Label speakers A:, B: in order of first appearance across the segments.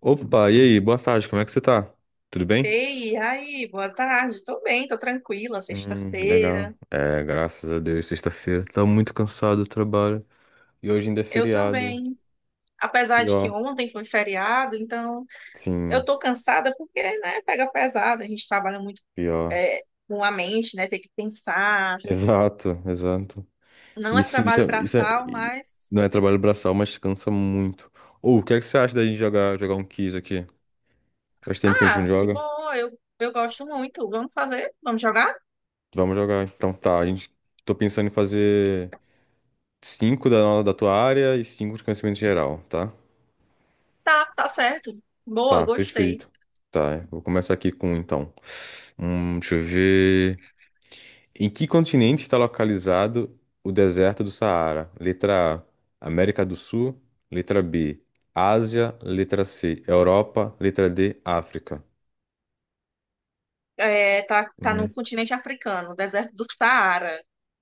A: Opa, e aí? Boa tarde, como é que você tá? Tudo bem?
B: Ei, e aí, boa tarde. Tô bem, tô tranquila,
A: Legal.
B: sexta-feira.
A: É, graças a Deus, sexta-feira. Tá muito cansado do trabalho. E hoje ainda é
B: Eu
A: feriado.
B: também. Apesar de que
A: Pior.
B: ontem foi feriado, então eu
A: Sim,
B: tô cansada porque, né, pega pesado. A gente trabalha muito
A: pior.
B: é, com a mente, né, tem que pensar.
A: Exato, exato.
B: Não é
A: Isso,
B: trabalho braçal,
A: não é
B: mas.
A: trabalho braçal, mas cansa muito. Ou, o que é que você acha da gente jogar um quiz aqui? Faz tempo que a gente não
B: Ah, de
A: joga?
B: boa, eu gosto muito. Vamos fazer? Vamos jogar?
A: Vamos jogar. Então tá, a gente... Tô pensando em fazer cinco da tua área e cinco de conhecimento geral, tá?
B: Tá, tá certo. Boa,
A: Tá,
B: gostei.
A: perfeito. Tá, eu vou começar aqui com um, então. Deixa eu ver. Em que continente está localizado o deserto do Saara? Letra A, América do Sul. Letra B, Ásia. Letra C, Europa. Letra D, África.
B: É, tá, tá no
A: Hum,
B: continente africano, deserto do Saara,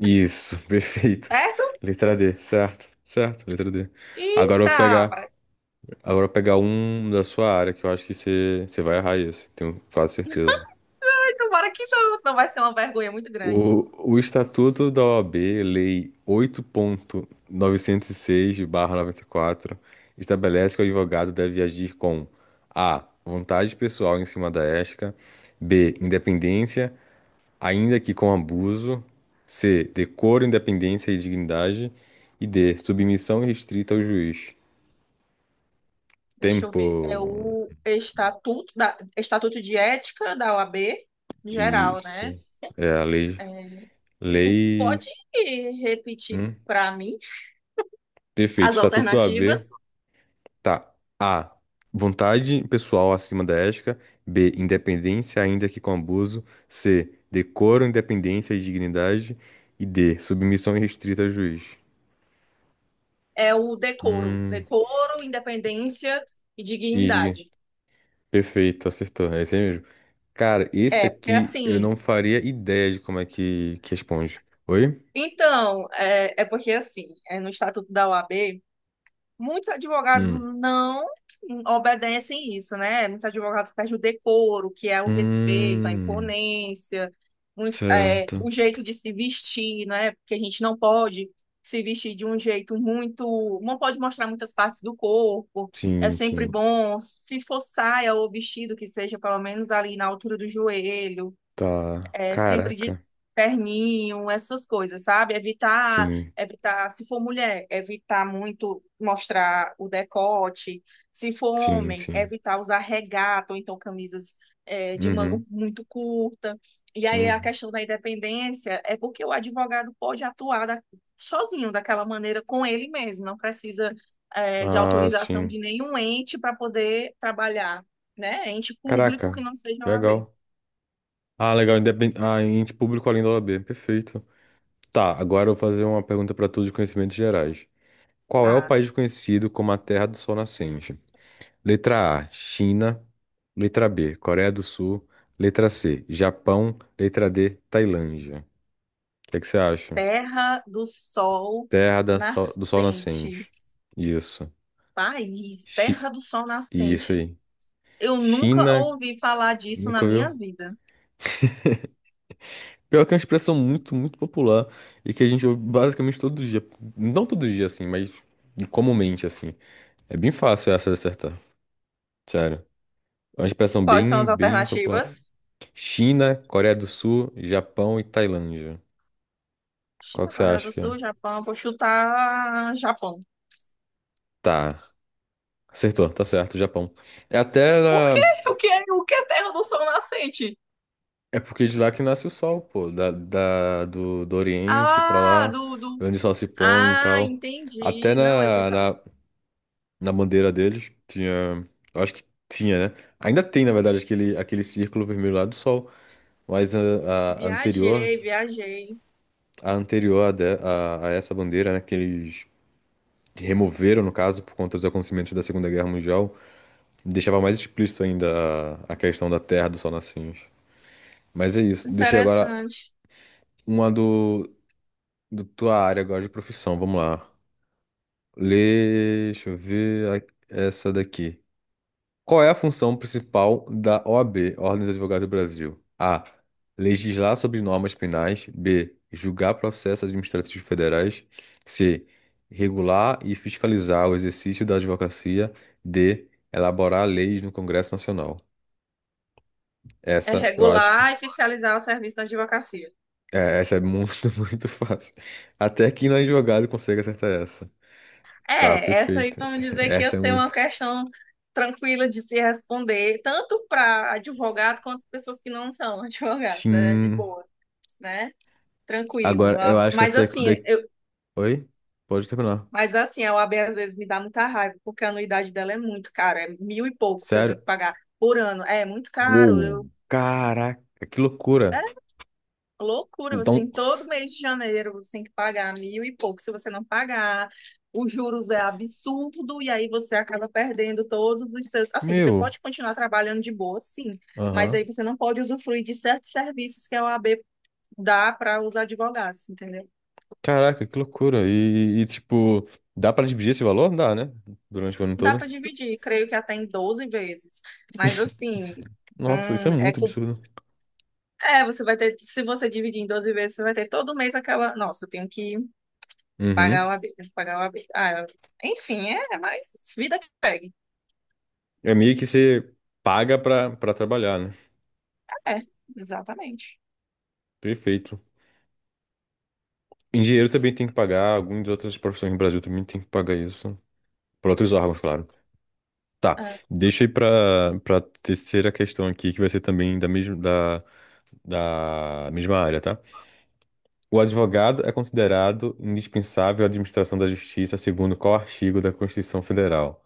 A: isso, perfeito.
B: certo?
A: Letra D, certo, certo, letra D.
B: E
A: Agora eu vou
B: tá.
A: pegar, agora eu vou pegar um da sua área, que eu acho que você vai errar isso, tenho quase certeza.
B: Tomara que não, senão vai ser uma vergonha muito grande.
A: O Estatuto da OAB, Lei oito ponto novecentos e seis/barra noventa e quatro estabelece que o advogado deve agir com A. Vontade pessoal em cima da ética, B. Independência, ainda que com abuso, C. Decoro, independência e dignidade, e D. Submissão restrita ao juiz.
B: Deixa eu
A: Tempo.
B: ver. É o estatuto de ética da OAB, geral, né?
A: Isso. É a lei.
B: É, tu pode
A: Lei.
B: repetir
A: Hum?
B: para mim
A: Perfeito.
B: as
A: Estatuto da OAB.
B: alternativas?
A: Tá. A. Vontade pessoal acima da ética. B. Independência, ainda que com abuso. C. Decoro, independência e dignidade. E D. Submissão irrestrita ao juiz.
B: É o decoro.
A: Hum.
B: Decoro, independência e
A: Ig.
B: dignidade.
A: Perfeito, acertou. É esse aí mesmo. Cara, esse
B: É, porque
A: aqui eu
B: assim.
A: não faria ideia de como é que responde. Oi?
B: Então, é porque assim, é no estatuto da OAB. Muitos advogados
A: Hum.
B: não obedecem isso, né? Muitos advogados perdem o decoro, que é o respeito, a
A: Hum.
B: imponência, muitos, o
A: Certo.
B: jeito de se vestir, né? Porque a gente não pode se vestir de um jeito muito. Não pode mostrar muitas partes do corpo. É
A: Sim,
B: sempre
A: sim.
B: bom, se for saia ou vestido, que seja pelo menos ali na altura do joelho,
A: Tá.
B: sempre de
A: Caraca.
B: terninho, essas coisas, sabe? Evitar,
A: Sim,
B: evitar, se for mulher, evitar muito mostrar o decote. Se for
A: sim,
B: homem,
A: sim.
B: evitar usar regata ou então camisas, de manga
A: Uhum.
B: muito curta. E aí a
A: Uhum.
B: questão da independência é porque o advogado pode atuar sozinho daquela maneira com ele mesmo, não precisa, de
A: Ah,
B: autorização de
A: sim.
B: nenhum ente para poder trabalhar, né? Ente público que
A: Caraca,
B: não seja O a OAB.
A: legal. Ah, legal, independente. Ah, ente público além da OAB, perfeito. Tá, agora eu vou fazer uma pergunta para todos de conhecimentos gerais. Qual é o
B: Ah,
A: país conhecido como a Terra do Sol Nascente? Letra A, China. Letra B, Coreia do Sul. Letra C, Japão. Letra D, Tailândia. O que é que você acha?
B: Terra do Sol
A: Do Sol
B: Nascente.
A: Nascente. Isso.
B: País,
A: Chi...
B: Terra do Sol
A: Isso
B: Nascente.
A: aí.
B: Eu nunca
A: China,
B: ouvi falar disso na
A: nunca
B: minha
A: viu?
B: vida.
A: Pior que é uma expressão muito, muito popular e que a gente ouve basicamente todo dia. Não todo dia, assim, mas comumente, assim. É bem fácil essa de acertar, sério. É uma expressão
B: Quais são
A: bem,
B: as
A: bem popular.
B: alternativas?
A: China, Coreia do Sul, Japão e Tailândia. Qual
B: China,
A: que você
B: Coreia
A: acha
B: do
A: que é?
B: Sul, Japão. Vou chutar Japão.
A: Tá. Acertou, tá certo, Japão. É até
B: Por quê?
A: da...
B: O que é Terra do Sol Nascente?
A: É porque de lá que nasce o sol, pô. Do Oriente pra
B: Ah,
A: lá,
B: do.
A: onde o sol se põe e
B: Ah,
A: tal. Até
B: entendi. Não, eu
A: na,
B: pensava...
A: na na bandeira deles. Tinha. Eu acho que tinha, né? Ainda tem, na verdade, aquele, aquele círculo vermelho lá do sol. Mas a anterior,
B: Viajei, viajei.
A: a essa bandeira, né? Que eles removeram, no caso, por conta dos acontecimentos da Segunda Guerra Mundial, deixava mais explícito ainda a questão da terra do sol nascente. Mas é isso. Deixei agora
B: Interessante.
A: uma do tua área agora de profissão. Vamos lá. Lê, deixa eu ver a- essa daqui. Qual é a função principal da OAB, Ordem dos Advogados do Brasil? A. Legislar sobre normas penais. B. Julgar processos administrativos federais. C. Regular e fiscalizar o exercício da advocacia. D. Elaborar leis no Congresso Nacional.
B: É
A: Essa, eu acho que.
B: regular e fiscalizar o serviço da advocacia.
A: É, essa é muito, muito fácil. Até quem não é advogado consegue acertar essa. Tá,
B: É, essa aí
A: perfeito.
B: vamos dizer que ia
A: Essa é
B: ser uma
A: muito.
B: questão tranquila de se responder, tanto para advogado quanto pessoas que não são advogados, é de
A: Sim.
B: boa, né?
A: Agora,
B: Tranquilo.
A: eu
B: A-
A: acho que
B: Mas
A: essa aqui
B: assim,
A: daqui.
B: eu,
A: Oi? Pode terminar.
B: mas assim, a OAB às vezes me dá muita raiva, porque a anuidade dela é muito cara, é mil e pouco que eu tenho
A: Sério?
B: que pagar por ano. É muito caro.
A: Uou,
B: Eu,
A: caraca, que loucura.
B: Loucura, você tem
A: Então,
B: todo mês de janeiro, você tem que pagar mil e pouco. Se você não pagar, os juros é absurdo e aí você acaba perdendo todos os seus. Assim, você
A: meu,
B: pode continuar trabalhando de boa, sim, mas aí
A: aham.
B: você não pode usufruir de certos serviços que a OAB dá para os advogados, entendeu?
A: Caraca, que loucura. E, tipo, dá pra dividir esse valor? Dá, né? Durante o ano
B: Dá
A: todo.
B: para dividir, creio que até em 12 vezes, mas assim,
A: Nossa, isso é
B: hum, é,
A: muito
B: que-
A: absurdo.
B: você vai ter, se você dividir em 12 vezes, você vai ter todo mês aquela, nossa, eu tenho que pagar
A: Uhum.
B: o habitantes, pagar o habitantes. Ah, enfim, mas vida que pegue.
A: É meio que você paga pra trabalhar, né?
B: É, exatamente.
A: Perfeito. Engenheiro também tem que pagar, algumas outras profissões no Brasil também tem que pagar isso. Para outros órgãos, claro. Tá,
B: É.
A: deixa aí pra terceira questão aqui, que vai ser também da mesma área, tá? O advogado é considerado indispensável à administração da justiça segundo qual artigo da Constituição Federal?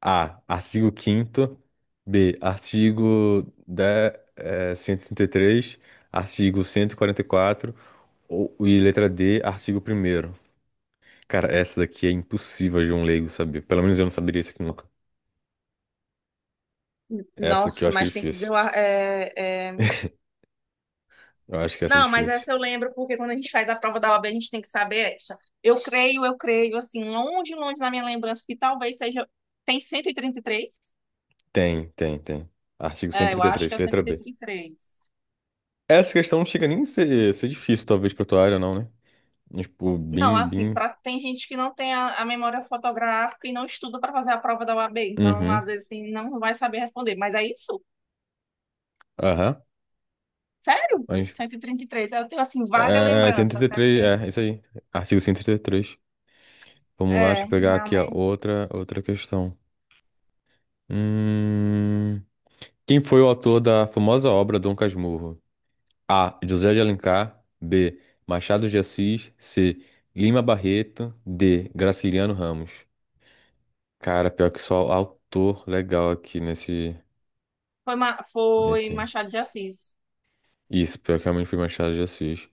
A: A. Artigo quinto. B. Artigo 133. Artigo 144. Ou, e letra D. Artigo primeiro. Cara, essa daqui é impossível de um leigo saber. Pelo menos eu não saberia isso aqui nunca. Essa aqui eu
B: Nossa,
A: acho que é
B: mas tem que dizer.
A: difícil.
B: O ar- É, é...
A: Eu acho que essa é
B: Não, mas
A: difícil.
B: essa eu lembro, porque quando a gente faz a prova da OAB, a gente tem que saber essa. Eu creio, assim, longe, longe na minha lembrança, que talvez seja. Tem 133?
A: Tem, tem, tem. Artigo
B: É, eu acho que
A: 133,
B: é cento
A: letra
B: e
A: B.
B: trinta e três.
A: Essa questão não chega nem a ser difícil, talvez, pra tua área, não, né? Tipo,
B: Não,
A: bim,
B: assim,
A: bim.
B: tem gente que não tem a memória fotográfica e não estuda para fazer a prova da OAB, então
A: Uhum.
B: às vezes não vai saber responder, mas é isso.
A: Aham.
B: Sério?
A: Mas.
B: Cento e trinta e três. Eu tenho, assim, vaga
A: Cento e
B: lembrança,
A: trinta e
B: até
A: três,
B: porque...
A: é, isso aí. Artigo cento e trinta e três. Vamos lá, deixa
B: É,
A: eu pegar aqui a
B: realmente.
A: outra questão. Hum, quem foi o autor da famosa obra Dom Casmurro? A. José de Alencar. B. Machado de Assis. C. Lima Barreto. D. Graciliano Ramos. Cara, pior que só autor legal aqui
B: Foi
A: nesse.
B: Machado de Assis.
A: Isso, pior que realmente foi Machado de Assis.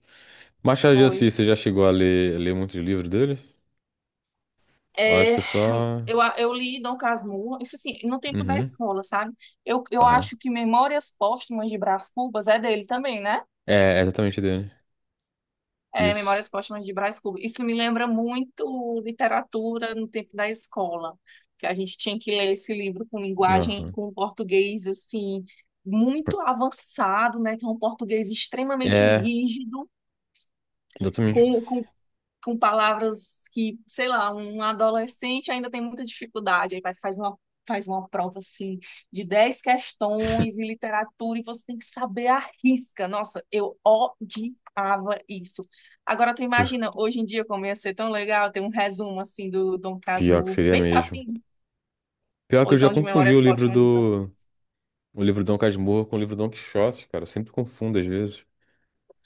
A: Machado de
B: Foi.
A: Assis, você já chegou a ler muitos livros dele? Eu acho
B: É,
A: que eu só.
B: eu li Dom Casmurro, isso assim, no tempo da
A: Uhum.
B: escola, sabe? Eu
A: Aham.
B: acho que Memórias Póstumas de Brás Cubas é dele também, né?
A: É, é exatamente dele.
B: É,
A: Isso.
B: Memórias Póstumas de Brás Cubas. Isso me lembra muito literatura no tempo da escola, que a gente tinha que ler esse livro com linguagem,
A: Aham.
B: com português, assim, muito avançado, né? Que é um português extremamente
A: É,
B: rígido,
A: exatamente.
B: com, com com palavras que, sei lá, um adolescente ainda tem muita dificuldade, aí vai, faz uma prova assim de 10 questões em literatura e você tem que saber a risca. Nossa, eu odiava isso. Agora tu imagina, hoje em dia como ia ser tão legal ter um resumo assim do Dom
A: Pior que
B: Casmurro,
A: seria
B: bem
A: mesmo.
B: facinho,
A: Pior que
B: ou
A: eu já
B: então de
A: confundi o
B: memórias
A: livro
B: póstumas de Brás
A: do.
B: Cubas.
A: O livro Dom Casmurro com o livro Dom Quixote, cara. Eu sempre confundo às vezes.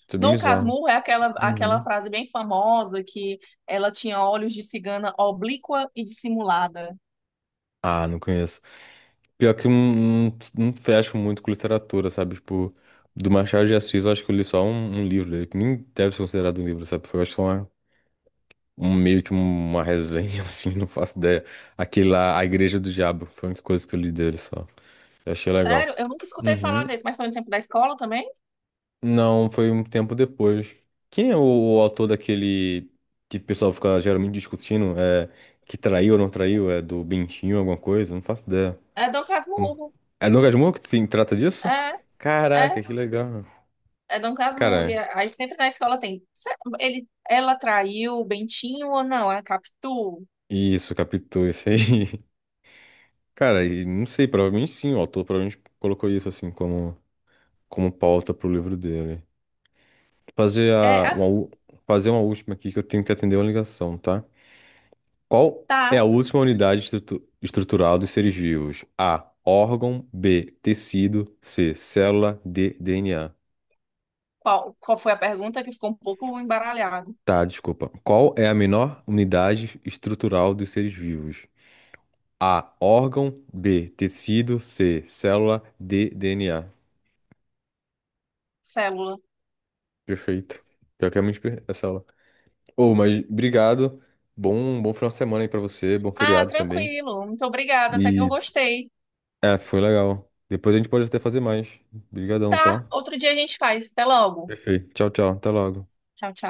A: Isso é bem
B: Dom
A: bizarro.
B: Casmurro é aquela
A: Uhum.
B: frase bem famosa que ela tinha olhos de cigana oblíqua e dissimulada.
A: Ah, não conheço. Pior que eu não fecho muito com literatura, sabe? Tipo, do Machado de Assis, eu acho que eu li só um livro dele, que nem deve ser considerado um livro, sabe? Foi, eu acho que um meio que uma resenha, assim, não faço ideia. Aquele lá, A Igreja do Diabo, foi a única coisa que eu li dele só. Eu achei legal.
B: Sério, eu nunca escutei falar
A: Uhum.
B: desse, mas foi no tempo da escola também.
A: Não, foi um tempo depois. Quem é o autor daquele que o pessoal fica geralmente discutindo? É, que traiu ou não traiu? É do Bentinho, alguma coisa? Não faço ideia.
B: É Dom
A: Como-
B: Casmurro.
A: É Lucas Moura que se trata disso?
B: É, é,
A: Caraca, que legal.
B: é Dom Casmurro.
A: Cara,
B: E aí sempre na escola tem. "Ela traiu o Bentinho ou não? É a Capitu?
A: isso, captou isso aí. Cara, e não sei, provavelmente sim, o autor provavelmente colocou isso assim como. Como pauta pro livro dele. Fazer
B: É,
A: a,
B: a,
A: uma, u- fazer uma última aqui que eu tenho que atender uma ligação, tá? Qual é a
B: tá.
A: última unidade estrutural dos seres vivos? A. Órgão. B. Tecido. C. Célula. D. DNA.
B: Qual foi a pergunta que ficou um pouco embaralhado?
A: Tá, desculpa. Qual é a menor unidade estrutural dos seres vivos? A. Órgão. B. Tecido. C. Célula. D. DNA.
B: Célula.
A: Perfeito. Pior que é muito per- essa aula. Ô, mas obrigado. Bom, bom final de semana aí pra você. Bom
B: Ah,
A: feriado também.
B: tranquilo. Muito obrigada, até que eu
A: E
B: gostei.
A: é, foi legal. Depois a gente pode até fazer mais. Obrigadão,
B: Tá,
A: tá?
B: outro dia a gente faz. Até logo.
A: Perfeito. Tchau, tchau. Até logo.
B: Tchau, tchau.